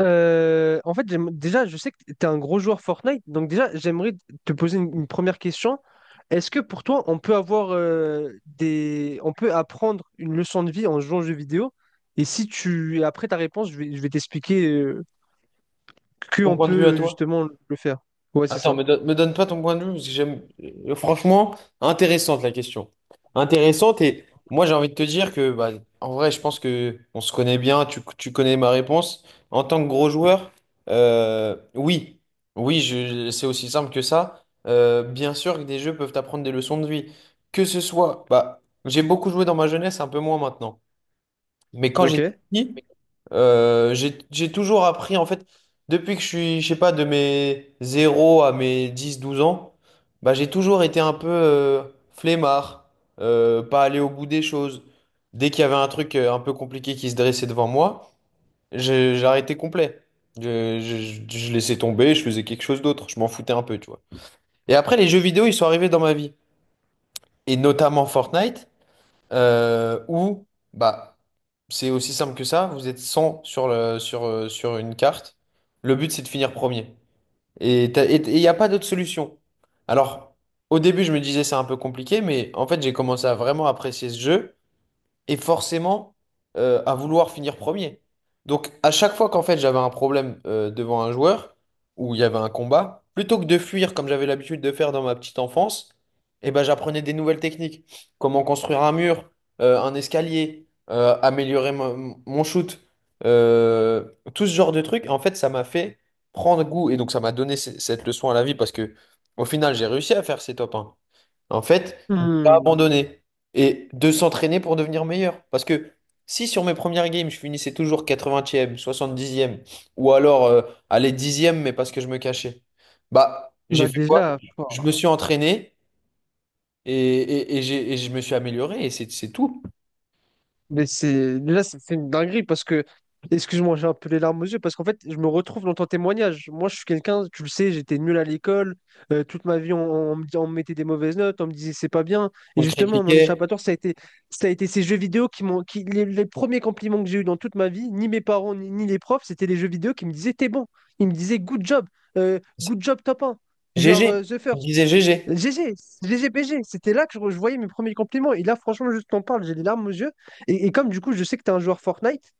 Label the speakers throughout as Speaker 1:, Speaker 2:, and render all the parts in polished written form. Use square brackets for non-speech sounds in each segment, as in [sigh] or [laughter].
Speaker 1: En fait, déjà, je sais que tu es un gros joueur Fortnite, donc déjà, j'aimerais te poser une première question. Est-ce que pour toi, on peut apprendre une leçon de vie en jouant aux jeux vidéo? Et si tu, après ta réponse, je vais t'expliquer que
Speaker 2: Ton
Speaker 1: on
Speaker 2: point de vue à
Speaker 1: peut
Speaker 2: toi?
Speaker 1: justement le faire. Ouais, c'est
Speaker 2: Attends,
Speaker 1: ça.
Speaker 2: me donne pas ton point de vue, parce que j'aime. Franchement, intéressante la question. Intéressante, et moi j'ai envie de te dire que, bah, en vrai, je pense que on se connaît bien, tu connais ma réponse. En tant que gros joueur, oui, oui, c'est aussi simple que ça. Bien sûr que des jeux peuvent t'apprendre des leçons de vie. Que ce soit, bah, j'ai beaucoup joué dans ma jeunesse, un peu moins maintenant. Mais quand
Speaker 1: Ok.
Speaker 2: j'étais petit, j'ai toujours appris, en fait, depuis que je suis, je sais pas, de mes zéro à mes dix douze ans, bah, j'ai toujours été un peu flemmard, pas aller au bout des choses. Dès qu'il y avait un truc un peu compliqué qui se dressait devant moi, j'arrêtais complet. Je laissais tomber, je faisais quelque chose d'autre, je m'en foutais un peu, tu vois. Et après, les jeux vidéo, ils sont arrivés dans ma vie. Et notamment Fortnite. Euh, ou, Bah, c'est aussi simple que ça, vous êtes 100 sur une carte. Le but, c'est de finir premier. Et il n'y a pas d'autre solution. Alors, au début, je me disais c'est un peu compliqué, mais en fait, j'ai commencé à vraiment apprécier ce jeu et forcément à vouloir finir premier. Donc à chaque fois qu'en fait j'avais un problème devant un joueur ou il y avait un combat, plutôt que de fuir comme j'avais l'habitude de faire dans ma petite enfance, eh ben j'apprenais des nouvelles techniques, comment construire un mur, un escalier, améliorer mon shoot, euh, tout ce genre de trucs. En fait, ça m'a fait prendre goût et donc ça m'a donné cette leçon à la vie parce que au final j'ai réussi à faire ces top 1. En fait, ne pas
Speaker 1: Hmm.
Speaker 2: abandonner. Et de s'entraîner pour devenir meilleur. Parce que si sur mes premières games, je finissais toujours 80e, 70e, ou alors aller 10e, mais parce que je me cachais, bah j'ai
Speaker 1: Bah
Speaker 2: fait quoi?
Speaker 1: déjà, pff,
Speaker 2: Je me suis entraîné et je me suis amélioré et c'est tout.
Speaker 1: Mais c'est déjà, c'est une dinguerie parce que excuse-moi, j'ai un peu les larmes aux yeux parce qu'en fait, je me retrouve dans ton témoignage. Moi, je suis quelqu'un, tu le sais, j'étais nul à l'école. Toute ma vie, on me mettait des mauvaises notes, on me disait c'est pas bien. Et
Speaker 2: On
Speaker 1: justement, mon
Speaker 2: critiquait
Speaker 1: échappatoire, ça a été ces jeux vidéo qui m'ont, qui, les premiers compliments que j'ai eu dans toute ma vie, ni mes parents, ni les profs, c'était les jeux vidéo qui me disaient t'es bon. Ils me disaient good job top 1, you are
Speaker 2: GG.
Speaker 1: the
Speaker 2: Il
Speaker 1: first.
Speaker 2: disait GG.
Speaker 1: GG, GGPG, c'était là que je voyais mes premiers compliments. Et là, franchement, juste t'en parle, j'ai les larmes aux yeux. Et comme du coup, je sais que tu es un joueur Fortnite,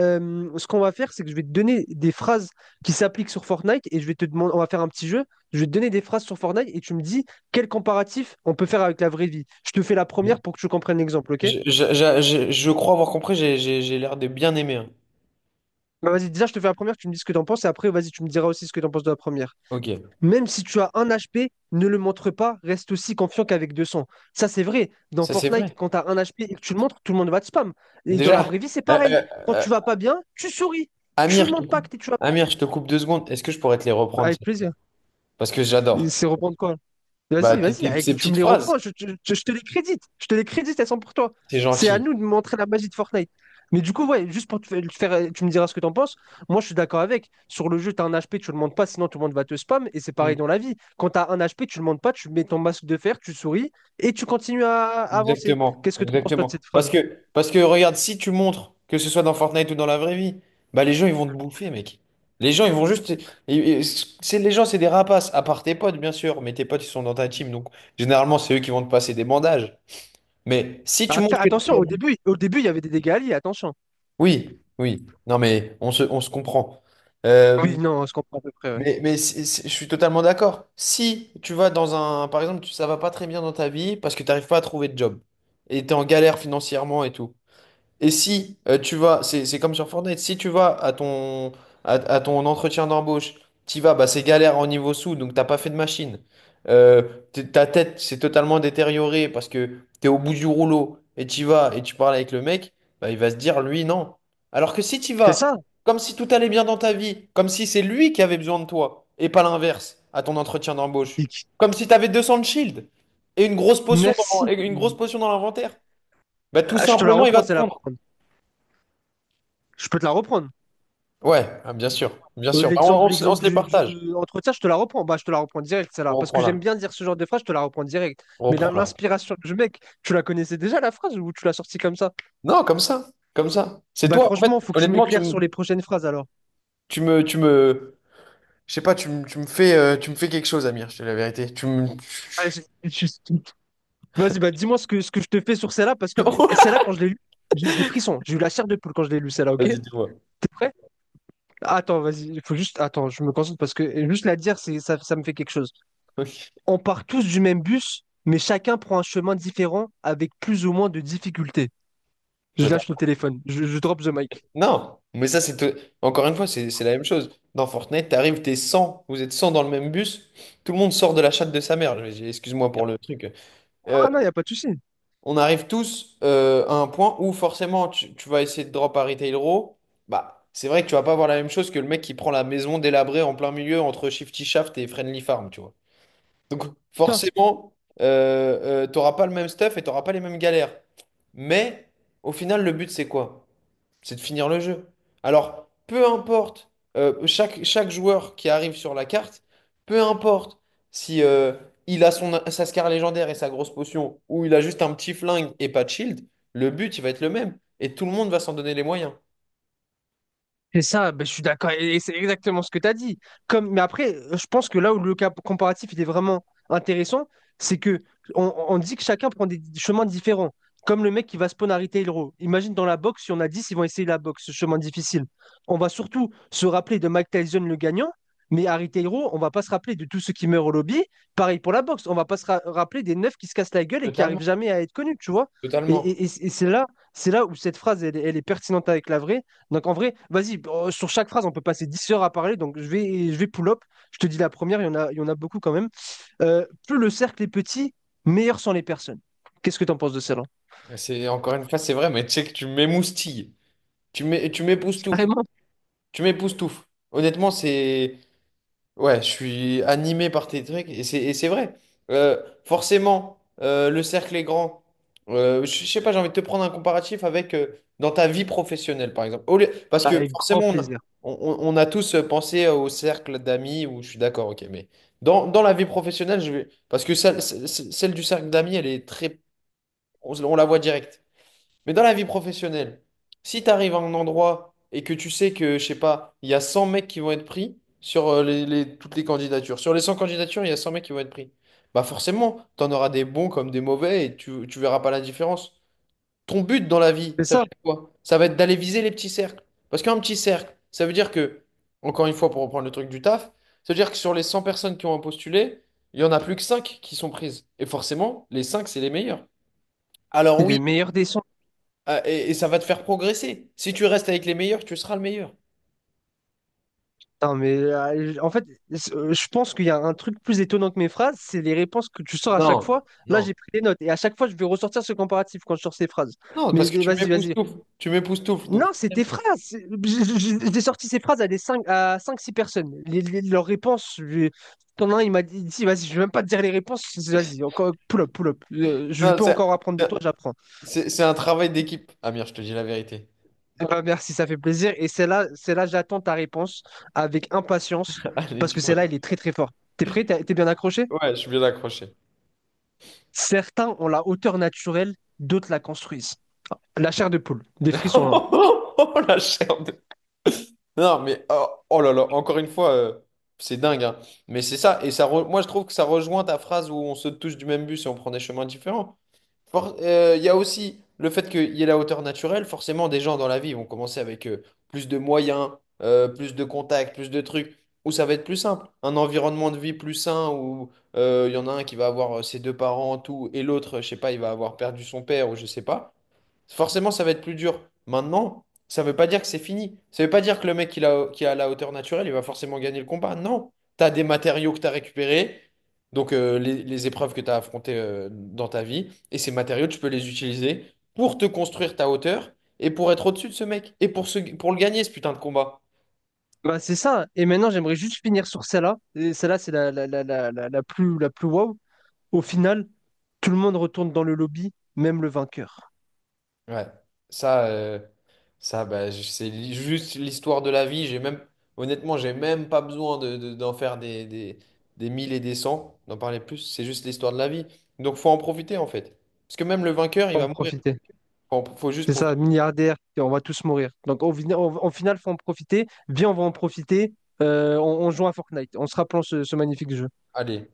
Speaker 1: ce qu'on va faire, c'est que je vais te donner des phrases qui s'appliquent sur Fortnite et je vais te demander, on va faire un petit jeu. Je vais te donner des phrases sur Fortnite et tu me dis quel comparatif on peut faire avec la vraie vie. Je te fais la première pour que tu comprennes l'exemple, ok?
Speaker 2: Je crois avoir compris, j'ai l'air de bien aimer, hein.
Speaker 1: Bah, vas-y, déjà, je te fais la première, tu me dis ce que t'en penses et après, vas-y, tu me diras aussi ce que t'en penses de la première.
Speaker 2: Ok,
Speaker 1: Même si tu as un HP, ne le montre pas, reste aussi confiant qu'avec 200. Ça, c'est vrai. Dans
Speaker 2: ça c'est
Speaker 1: Fortnite,
Speaker 2: vrai.
Speaker 1: quand tu as un HP et que tu le montres, tout le monde va te spam. Et dans la
Speaker 2: Déjà,
Speaker 1: vraie vie, c'est
Speaker 2: euh,
Speaker 1: pareil.
Speaker 2: euh,
Speaker 1: Quand
Speaker 2: euh,
Speaker 1: tu vas pas bien, tu souris. Tu ne
Speaker 2: Amir,
Speaker 1: montres pas que tu vas.
Speaker 2: Amir, je te coupe 2 secondes. Est-ce que je pourrais te les reprendre?
Speaker 1: Avec plaisir.
Speaker 2: Parce que
Speaker 1: Et
Speaker 2: j'adore.
Speaker 1: c'est reprendre quoi?
Speaker 2: Bah,
Speaker 1: Vas-y, vas-y,
Speaker 2: ces
Speaker 1: tu me
Speaker 2: petites
Speaker 1: les
Speaker 2: phrases,
Speaker 1: reprends, je te les crédite. Je te les crédite, elles sont pour toi.
Speaker 2: c'est
Speaker 1: C'est à
Speaker 2: gentil.
Speaker 1: nous de montrer la magie de Fortnite. Mais du coup, ouais, juste pour te faire, tu me diras ce que t'en penses. Moi, je suis d'accord avec. Sur le jeu, t'as un HP, tu le montes pas, sinon tout le monde va te spam. Et c'est
Speaker 2: Mm.
Speaker 1: pareil dans la vie. Quand t'as un HP, tu le montes pas, tu mets ton masque de fer, tu souris et tu continues à avancer.
Speaker 2: Exactement,
Speaker 1: Qu'est-ce que t'en penses, toi, de
Speaker 2: exactement.
Speaker 1: cette
Speaker 2: Parce
Speaker 1: phrase?
Speaker 2: que, parce que regarde, si tu montres, que ce soit dans Fortnite ou dans la vraie vie, bah les gens ils vont te bouffer, mec. Les gens ils vont juste, et c'est les gens c'est des rapaces. À part tes potes bien sûr, mais tes potes ils sont dans ta team, donc généralement c'est eux qui vont te passer des bandages. Mais si tu
Speaker 1: Après,
Speaker 2: montres que
Speaker 1: attention,
Speaker 2: t'es-
Speaker 1: au début, il y avait des dégâts alliés, attention.
Speaker 2: oui, oui. Non mais on se comprend. Euh,
Speaker 1: Oui, non, on se comprend à peu près, ouais.
Speaker 2: mais je suis totalement d'accord. Si tu vas dans un, par exemple, ça va pas très bien dans ta vie parce que tu n'arrives pas à trouver de job et tu es en galère financièrement et tout, et si tu vas, c'est comme sur Fortnite, si tu vas à ton, à ton entretien d'embauche, tu vas, bah, c'est galère en niveau sous, donc t'as pas fait de machine. Euh, Ta tête s'est totalement détériorée parce que t'es au bout du rouleau et tu vas et tu parles avec le mec, bah, il va se dire, lui, non. Alors que si tu
Speaker 1: C'est
Speaker 2: vas,
Speaker 1: ça?
Speaker 2: comme si tout allait bien dans ta vie, comme si c'est lui qui avait besoin de toi et pas l'inverse à ton entretien d'embauche,
Speaker 1: Dick.
Speaker 2: comme si t'avais 200 de shield et une grosse potion dans,
Speaker 1: Merci.
Speaker 2: et une grosse potion dans l'inventaire, bah, tout
Speaker 1: Ah, je te la
Speaker 2: simplement, il
Speaker 1: reprends,
Speaker 2: va te
Speaker 1: c'est là.
Speaker 2: prendre.
Speaker 1: Je peux te la reprendre.
Speaker 2: Ouais, ah, bien sûr, bien sûr. Bah, on, on
Speaker 1: L'exemple,
Speaker 2: se on
Speaker 1: l'exemple
Speaker 2: se les
Speaker 1: du, du-.
Speaker 2: partage.
Speaker 1: Entre ça, je te la reprends. Bah, je te la reprends direct, celle-là.
Speaker 2: On
Speaker 1: Parce
Speaker 2: reprend
Speaker 1: que j'aime
Speaker 2: là.
Speaker 1: bien dire ce genre de phrase, je te la reprends direct.
Speaker 2: On
Speaker 1: Mais
Speaker 2: reprend là.
Speaker 1: l'inspiration du mec, tu la connaissais déjà, la phrase, ou tu l'as sortie comme ça?
Speaker 2: Non, comme ça. Comme ça. C'est
Speaker 1: Bah,
Speaker 2: toi, en fait,
Speaker 1: franchement, faut que tu
Speaker 2: honnêtement,
Speaker 1: m'éclaires sur les prochaines phrases, alors.
Speaker 2: tu me, tu me, je sais pas, tu me fais quelque chose, Amir, je te dis la vérité. Tu me...
Speaker 1: Allez,
Speaker 2: [laughs]
Speaker 1: vas-y, bah, dis-moi ce que, je te fais sur celle-là, parce que celle-là, quand je l'ai lue, j'ai eu des frissons. J'ai eu la chair de poule quand je l'ai lue, celle-là, ok?
Speaker 2: Vas-y, dis-moi.
Speaker 1: T'es prêt? Attends, vas-y, il faut juste. Attends, je me concentre, parce que juste la dire, ça me fait quelque chose.
Speaker 2: Ok.
Speaker 1: On part tous du même bus, mais chacun prend un chemin différent, avec plus ou moins de difficultés. Je
Speaker 2: Toi,
Speaker 1: lâche
Speaker 2: t'as-
Speaker 1: le téléphone. Je drop the mic.
Speaker 2: Non, mais ça, c'est... Encore une fois, c'est la même chose. Dans Fortnite, t'arrives, t'es 100, vous êtes 100 dans le même bus, tout le monde sort de la chatte de sa mère. Excuse-moi pour le truc. Euh,
Speaker 1: Ah non, il n'y a pas de souci.
Speaker 2: on arrive tous à un point où forcément tu vas essayer de drop Harry Taylor. Bah, c'est vrai que tu vas pas avoir la même chose que le mec qui prend la maison délabrée en plein milieu entre Shifty Shaft et Friendly Farm, tu vois. Donc
Speaker 1: Ça,
Speaker 2: forcément, t'auras pas le même stuff et t'auras pas les mêmes galères. Mais au final, le but, c'est quoi? C'est de finir le jeu. Alors, peu importe, chaque joueur qui arrive sur la carte, peu importe si il a sa scar légendaire et sa grosse potion, ou il a juste un petit flingue et pas de shield, le but, il va être le même. Et tout le monde va s'en donner les moyens.
Speaker 1: C'est ça, ben, je suis d'accord, et c'est exactement ce que tu as dit. Mais après, je pense que là où le cas comparatif il est vraiment intéressant, c'est que on dit que chacun prend des chemins différents. Comme le mec qui va spawn à Retail Row. Imagine dans la boxe, si on a 10, ils vont essayer la boxe, ce chemin difficile. On va surtout se rappeler de Mike Tyson le gagnant, mais à Retail Row, on va pas se rappeler de tous ceux qui meurent au lobby. Pareil pour la boxe, on va pas se rappeler des neufs qui se cassent la gueule et qui
Speaker 2: Totalement.
Speaker 1: arrivent jamais à être connus, tu vois. Et,
Speaker 2: Totalement.
Speaker 1: et- et- et c'est là où cette phrase, elle est pertinente avec la vraie. Donc en vrai, vas-y, sur chaque phrase, on peut passer 10 heures à parler. Donc je vais pull-up. Je te dis la première, il y en a beaucoup quand même. Plus le cercle est petit, meilleur sont les personnes. Qu'est-ce que tu en penses de celle-là?
Speaker 2: C'est encore une fois, c'est vrai, mais tu sais que tu m'émoustilles. Tu m'époustoufles.
Speaker 1: Carrément,
Speaker 2: Tu m'époustoufles. Honnêtement, c'est. Ouais, je suis animé par tes trucs et c'est vrai. Forcément, le cercle est grand. Je sais pas, j'ai envie de te prendre un comparatif avec dans ta vie professionnelle, par exemple. Parce que
Speaker 1: avec grand
Speaker 2: forcément, on
Speaker 1: plaisir.
Speaker 2: a, on, on- on a tous pensé au cercle d'amis où je suis d'accord, ok, mais dans la vie professionnelle, parce que celle du cercle d'amis, elle est très, on la voit direct. Mais dans la vie professionnelle, si tu arrives à un endroit et que tu sais que, je sais pas, il y a 100 mecs qui vont être pris sur toutes les candidatures. Sur les 100 candidatures, il y a 100 mecs qui vont être pris. Bah forcément, tu en auras des bons comme des mauvais et tu verras pas la différence. Ton but dans la vie,
Speaker 1: C'est
Speaker 2: ça va
Speaker 1: ça,
Speaker 2: être quoi? Ça va être d'aller viser les petits cercles. Parce qu'un petit cercle, ça veut dire que, encore une fois, pour reprendre le truc du taf, ça veut dire que sur les 100 personnes qui ont postulé, il y en a plus que 5 qui sont prises. Et forcément, les 5 c'est les meilleurs. Alors
Speaker 1: c'est les
Speaker 2: oui,
Speaker 1: meilleurs des sons.
Speaker 2: ah, et ça va te faire progresser. Si tu restes avec les meilleurs, tu seras le meilleur.
Speaker 1: Non mais en fait, je pense qu'il y a un truc plus étonnant que mes phrases, c'est les réponses que tu sors à
Speaker 2: Non,
Speaker 1: chaque fois. Là,
Speaker 2: non.
Speaker 1: j'ai pris des notes et à chaque fois, je vais ressortir ce comparatif quand je sors ces phrases.
Speaker 2: Non,
Speaker 1: Mais
Speaker 2: parce que tu
Speaker 1: vas-y, vas-y.
Speaker 2: m'époustoufles. Tu m'époustoufles.
Speaker 1: Non, c'est tes phrases. J'ai sorti ces phrases à des 5 à 5 6 personnes. Leurs réponses, t'en as un, il m'a dit, si, vas-y, je vais même pas te dire les réponses. Vas-y, encore pull up, pull up. Je
Speaker 2: Non,
Speaker 1: peux encore
Speaker 2: c'est
Speaker 1: apprendre de toi, j'apprends.
Speaker 2: c'est- c'est un travail d'équipe. Amir, je te dis la vérité.
Speaker 1: Eh ben, merci, ça fait plaisir. Et celle-là, celle-là, j'attends ta réponse avec impatience
Speaker 2: [laughs] Allez,
Speaker 1: parce
Speaker 2: tu
Speaker 1: que
Speaker 2: vois.
Speaker 1: celle-là, elle est très très forte. T'es prêt? T'es bien accroché?
Speaker 2: Ouais, je suis bien accroché.
Speaker 1: Certains ont la hauteur naturelle, d'autres la construisent. La chair de poule, des
Speaker 2: [laughs]
Speaker 1: frissons là.
Speaker 2: Oh, la chair de- Non, mais oh, oh là là, encore une fois, c'est dingue, hein. Mais c'est ça. Et moi, je trouve que ça rejoint ta phrase où on se touche du même bus et on prend des chemins différents. Il y a aussi le fait qu'il y ait la hauteur naturelle. Forcément, des gens dans la vie vont commencer avec plus de moyens, plus de contacts, plus de trucs, où ça va être plus simple. Un environnement de vie plus sain, où il y en a un qui va avoir ses deux parents, tout, et l'autre, je sais pas, il va avoir perdu son père ou je sais pas. Forcément, ça va être plus dur. Maintenant, ça veut pas dire que c'est fini. Ça veut pas dire que le mec qui a la hauteur naturelle, il va forcément gagner le combat. Non. Tu as des matériaux que tu as récupérés, donc les épreuves que tu as affrontées dans ta vie, et ces matériaux, tu peux les utiliser pour te construire ta hauteur et pour être au-dessus de ce mec, et pour le gagner, ce putain de combat.
Speaker 1: Bah, c'est ça. Et maintenant, j'aimerais juste finir sur celle-là. Et celle-là, c'est la plus wow. Au final, tout le monde retourne dans le lobby, même le vainqueur.
Speaker 2: Ouais, ça, ça bah, c'est juste l'histoire de la vie. J'ai même, honnêtement, j'ai même pas besoin de, d'en faire des mille et des cents, d'en parler plus, c'est juste l'histoire de la vie. Donc faut en profiter en fait. Parce que même le vainqueur, il
Speaker 1: Faut
Speaker 2: va
Speaker 1: en
Speaker 2: mourir.
Speaker 1: profiter.
Speaker 2: Faut juste
Speaker 1: C'est ça,
Speaker 2: profiter.
Speaker 1: milliardaire, et on va tous mourir. Donc au final, en final, faut en profiter. Viens, on va en profiter. On joue à Fortnite. On se rappelle ce magnifique jeu.
Speaker 2: Allez.